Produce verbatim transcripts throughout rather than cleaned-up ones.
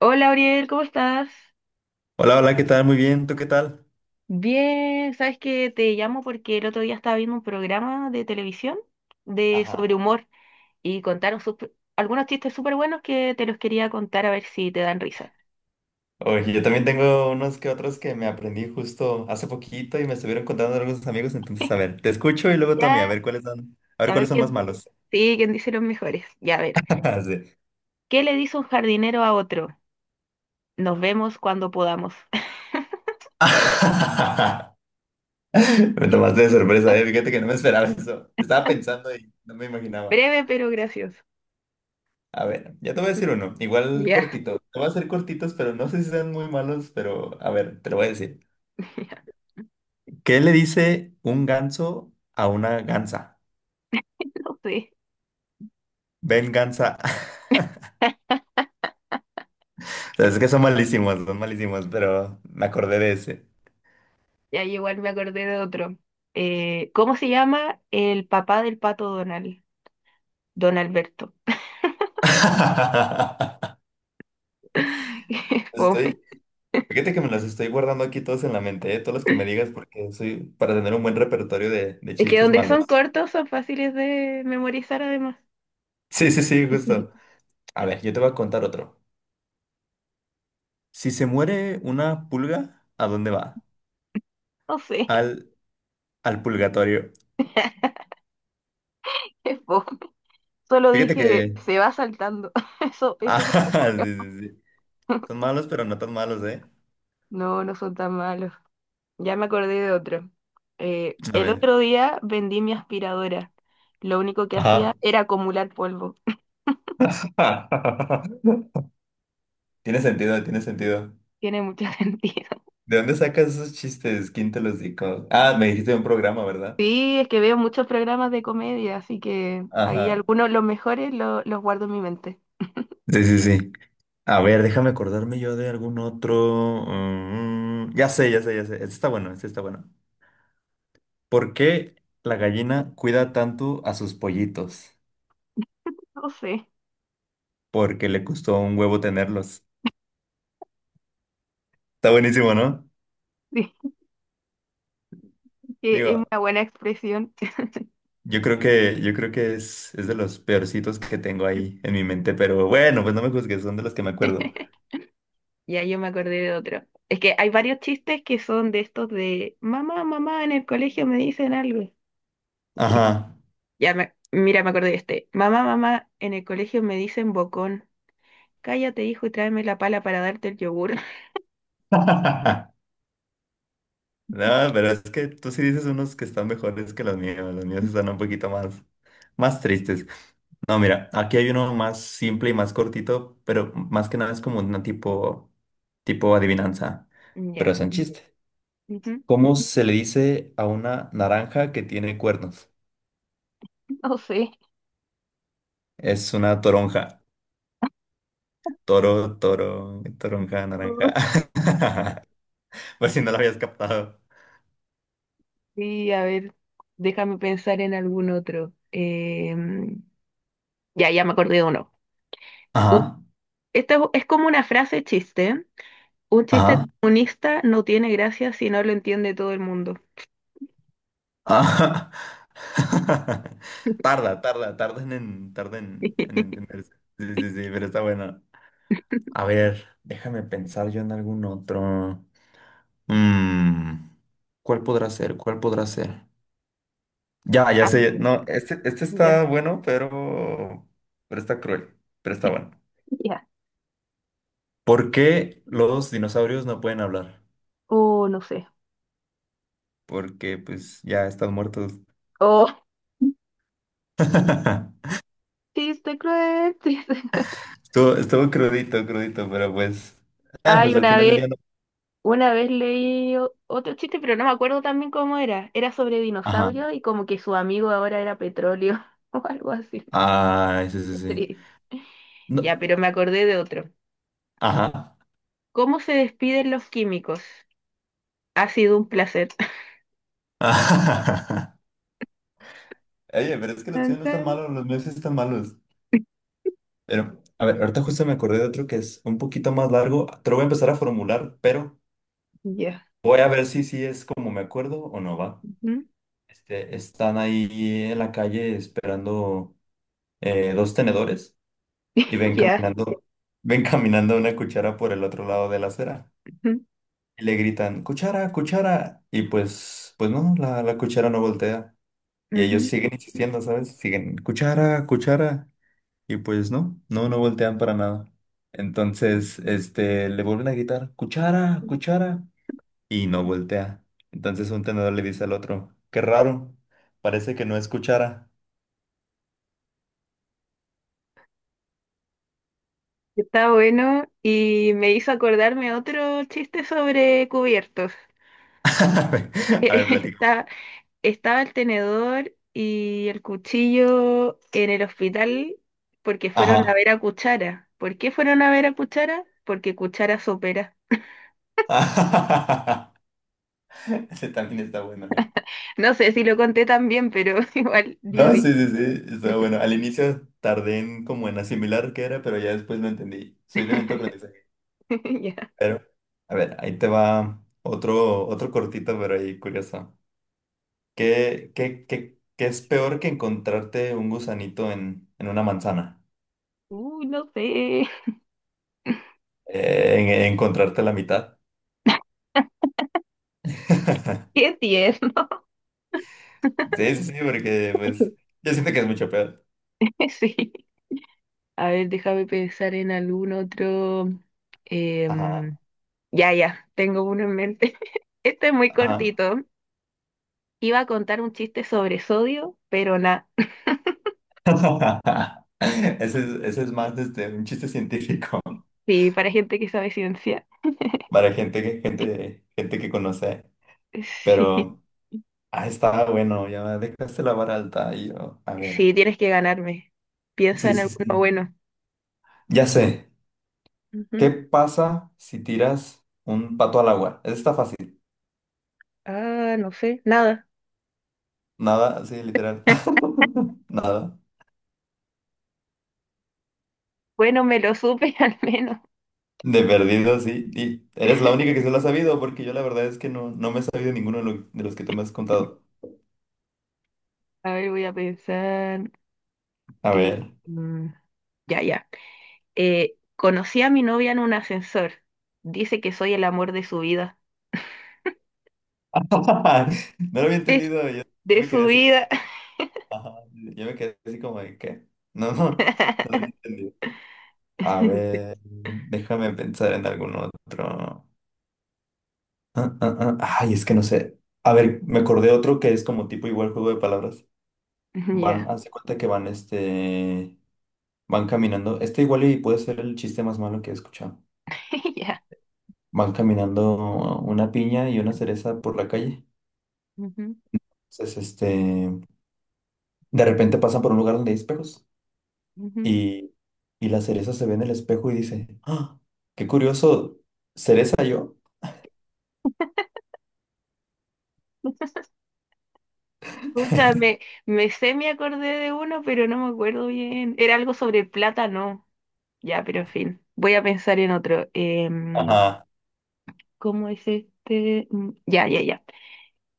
Hola, Ariel, ¿cómo estás? Hola, hola, ¿qué tal? Muy bien, ¿tú qué tal? Bien, sabes que te llamo porque el otro día estaba viendo un programa de televisión de Ajá. sobre humor y contaron sup- algunos chistes súper buenos que te los quería contar a ver si te dan risa. Oye, yo también tengo unos que otros que me aprendí justo hace poquito y me estuvieron contando algunos amigos, entonces a ver, te escucho y luego tú a mí, a Ya, ver cuáles son, a ver a cuáles ver son más quién, malos. sí, quién dice los mejores. Ya, a ver. Sí. ¿Qué le dice un jardinero a otro? Nos vemos cuando podamos. Me tomaste de sorpresa, eh. Fíjate que no me esperaba eso. Estaba pensando y no me imaginaba. Breve pero gracioso. A ver, ya te voy a decir uno, igual Ya, cortito. Te voy a hacer cortitos, pero no sé si sean muy malos, pero a ver, te lo voy a decir. ya, ¿Qué le dice un ganso a una gansa? no sé. Ven, gansa. Es que son malísimos, son malísimos, pero me acordé de ese. Ya igual me acordé de otro. Eh, ¿cómo se llama el papá del pato Donald? Don Alberto. Qué fome. Estoy, fíjate que me los estoy guardando aquí todos en la mente, ¿eh? Todos los que me digas, porque soy para tener un buen repertorio de, de Es que chistes donde son malos. cortos son fáciles de memorizar además. Sí, sí, sí, justo. A ver, yo te voy a contar otro. Si se muere una pulga, ¿a dónde va? No sé, Al, al purgatorio. es fome. Solo Fíjate dije, que. se va saltando. Eso, eso. se- Ah, sí, sí, sí. Son malos, pero no tan malos, ¿eh? No, no son tan malos. Ya me acordé de otro. Eh, A el ver. otro día vendí mi aspiradora. Lo único que hacía Ajá. era acumular polvo. Tiene sentido, tiene sentido. Tiene mucho sentido. ¿De dónde sacas esos chistes? ¿Quién te los dijo? Ah, me dijiste de un programa, ¿verdad? Sí, es que veo muchos programas de comedia, así que ahí Ajá. algunos, los mejores, lo- los guardo en mi mente. Sí, sí, sí. A ver, déjame acordarme yo de algún otro. Mm, ya sé, ya sé, ya sé. Este está bueno, este está bueno. ¿Por qué la gallina cuida tanto a sus pollitos? No sé. Porque le costó un huevo tenerlos. Está buenísimo, ¿no? que Es Digo, una buena expresión. yo creo que, yo creo que es, es de los peorcitos que tengo ahí en mi mente, pero bueno, pues no me juzgues, son de los que me acuerdo. Ya yo me acordé de otro. Es que hay varios chistes que son de estos de mamá, mamá, en el colegio me dicen algo. Ajá. Ya me, mira, me acordé de este. Mamá, mamá, en el colegio me dicen bocón. Cállate, hijo, y tráeme la pala para darte el yogur. No, pero es que tú sí dices unos que están mejores que los míos. Los míos sí están un poquito más, más tristes. No, mira, aquí hay uno más simple y más cortito, pero más que nada es como una tipo, tipo adivinanza, pero es Ya. un chiste. Ujú. ¿Cómo se le dice a una naranja que tiene cuernos? No sé. Es una toronja. Toro, toro, toronja, naranja. Por si no lo habías captado. Sí, a ver, déjame pensar en algún otro. Em, ya, ya me acordé de uno. U- Ajá, Esta es, es como una frase chiste. Un chiste ajá, comunista no tiene gracia si no lo entiende todo el mundo. ajá. Tarda, tarda, tarda en, tarda en, en entenderse. Sí, sí, sí, pero está bueno. A ver, déjame pensar yo en algún otro. Mm, ¿cuál podrá ser? ¿Cuál podrá ser? Ya, ya Ah, sé. bueno. No, este, este Ya, está bueno, pero, pero está cruel. Pero está bueno. ya. ¿Por qué los dinosaurios no pueden hablar? Oh, no sé. Porque pues ya están muertos. Oh, chiste cruel, chiste. Estuvo, estuvo crudito, crudito, pero pues... Ah, Ay, pues al una final del vez, día una vez leí o- otro chiste, pero no me acuerdo también cómo era. Era sobre no. dinosaurios y como que su amigo ahora era petróleo o algo así. Ay, sí, sí, Qué sí. triste. No, Ya, pero me acordé de otro. ajá. ¿Cómo se despiden los químicos? Ha sido un placer. Oye, pero es que los Tan, tuyos no están tan. malos, los míos sí están malos. Pero, a ver, ahorita justo me acordé de otro que es un poquito más largo. Te lo voy a empezar a formular, pero Ya. voy a ver si sí es como me acuerdo o no va. Ujú. Este, están ahí en la calle esperando eh, dos tenedores y ven Ya. caminando, ven caminando una cuchara por el otro lado de la acera. Ujú. Y le gritan, cuchara, cuchara. Y pues, pues no, la, la cuchara no voltea. Y ellos Ujú. siguen insistiendo, ¿sabes? Siguen, cuchara, cuchara. Y pues no, no, no voltean para nada. Entonces, este, le vuelven a gritar, cuchara, cuchara. Y no voltea. Entonces un tenedor le dice al otro, qué raro, parece que no es cuchara. Está bueno y me hizo acordarme otro chiste sobre cubiertos. A ver, a ver, platica. Está, estaba el tenedor y el cuchillo en el hospital porque fueron a Ajá. ver a Cuchara. ¿Por qué fueron a ver a Cuchara? Porque Cuchara sopera. Ese también está bueno, ¿eh? No sé si lo conté tan bien, pero igual dio No, risa. sí, sí, sí, está bueno. Al inicio tardé en como en asimilar qué era, pero ya después lo entendí. Soy de lento aprendizaje. Ya. Pero, a ver, ahí te va otro, otro cortito, pero ahí curioso. ¿Qué, qué, qué, qué es peor que encontrarte un gusanito en, en una manzana? Uh, no sé. Eh, en, en encontrarte la mitad. Qué tierno. Sí, sí, sí, porque pues yo siento que es mucho peor. Sí. A ver, déjame pensar en algún otro. Ajá, em, Ya, ya, tengo uno en mente. Este es muy ajá. cortito. Iba a contar un chiste sobre sodio, pero nada. Ese es, ese es más este, un chiste científico Sí, para gente que sabe ciencia. para gente que, gente, gente que conoce. Sí, Pero, ah, está bueno, ya dejaste la vara alta. Y yo, a sí, ver. tienes que ganarme. Piensa Sí, en sí, alguno sí. bueno. Ya sé, ¿qué Ujú. pasa si tiras un pato al agua? Eso está fácil. Ah, no sé, nada. Nada, sí, literal. Nada. Bueno, me lo supe al menos. De perdido, sí. Y eres la única que se lo ha sabido, porque yo la verdad es que no, no me he sabido ninguno de, lo- de los que tú me has contado. A ver, voy a pensar. A Y, ver. mm, ya, ya. Eh, conocí a mi novia en un ascensor. Dice que soy el amor de su vida. No lo había Es entendido. Yo, yo de me su quedé así como. vida. Ajá. Yo me quedé así como de qué. No, no, no lo había entendido. A ver, déjame pensar en algún otro. Ah, ah, ah. Ay, es que no sé. A ver, me acordé otro que es como tipo igual juego de palabras. Van, Ya. haz de cuenta que van, este, van caminando. Este igual y puede ser el chiste más malo que he escuchado. Ya. Van caminando una piña y una cereza por la calle. Ujú, Entonces, este, de repente pasan por un lugar donde hay espejos ujú. y, y la cereza se ve en el espejo y dice, ¡Ah! ¡Qué curioso! ¿Cereza yo? Pucha, me, me sé, me acordé de uno, pero no me acuerdo bien. Era algo sobre el plátano. Ya, pero en fin, voy a pensar en otro. Em, Ajá. ¿cómo es este? Mm, Ya, ya, ya.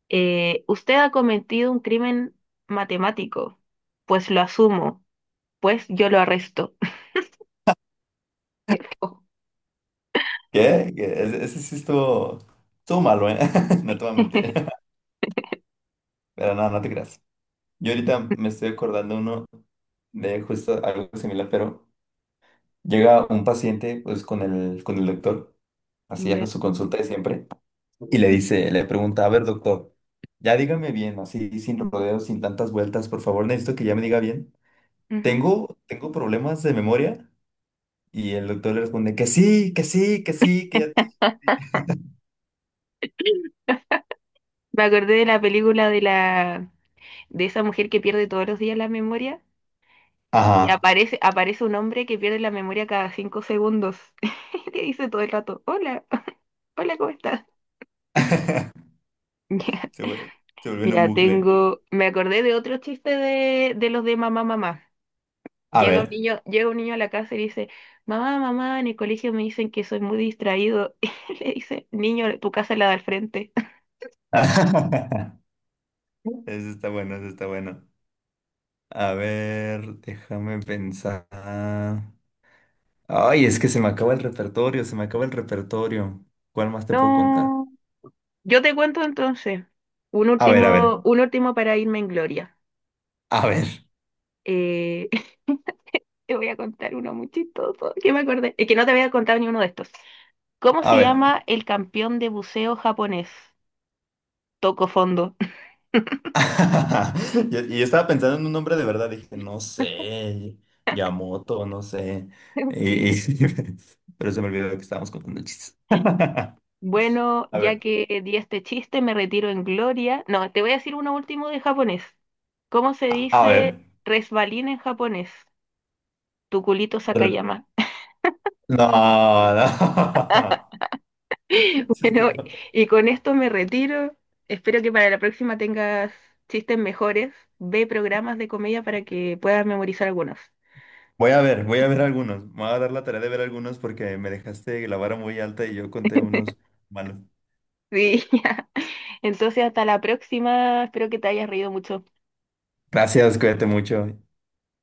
Eh, usted ha cometido un crimen matemático. Pues lo asumo. Pues yo lo arresto. Oh. ¿Qué? ¿Qué? Ese, ese sí estuvo, estuvo malo, ¿eh? No te voy a mentir. Pero no, no te creas. Yo ahorita me estoy acordando uno de justo algo similar, pero llega un paciente pues con el, con el doctor, así a Ya. su consulta de siempre, y le Mm, dice, le pregunta, a ver doctor, ya dígame bien, así sin rodeos, sin tantas vueltas, por favor necesito que ya me diga bien. ujú. Tengo, tengo problemas de memoria y el doctor le responde que sí, que sí, que sí, que ya te... Me acordé de la película de la de esa mujer que pierde todos los días la memoria. Y Ajá. aparece, aparece un hombre que pierde la memoria cada cinco segundos. Que dice todo el rato, hola, hola, ¿cómo estás? Ya, Se vuelve, se vuelve en un ya bucle. tengo, me acordé de otro chiste de, de los de mamá, mamá. A Llega un ver. niño, llega un niño a la casa y dice, mamá, mamá, en el colegio me dicen que soy muy distraído. Y le dice, niño, tu casa es la da al frente. Eso está bueno, eso está bueno. A ver, déjame pensar. Ay, es que se me acaba el repertorio, se me acaba el repertorio. ¿Cuál más te puedo contar? No, yo te cuento entonces. Un A ver, a ver, último, un último para irme en gloria. a ver, Eh, te voy a contar uno muy chistoso que me acordé. Es que no te había contado ni uno de estos. ¿Cómo a se ver. llama el campeón de buceo japonés? Toco fondo. Y y yo estaba pensando en un nombre de verdad, dije, no sé, Yamoto, no sé. Y- Sí. y- pero se me olvidó que estábamos contando chistes. A Bueno, ya ver, que di este chiste, me retiro en gloria. No, te voy a decir uno último de japonés. ¿Cómo se a, a dice ver. resbalín en japonés? Tuculito R- Sakayama. No, no. Bueno, y con esto me retiro. Espero que para la próxima tengas chistes mejores. Ve programas de comedia para que puedas memorizar algunos. Voy a ver, voy a ver algunos. Me voy a dar la tarea de ver algunos porque me dejaste la vara muy alta y yo conté unos malos. Sí, ya. Entonces hasta la próxima. Espero que te hayas reído mucho. Gracias, cuídate mucho.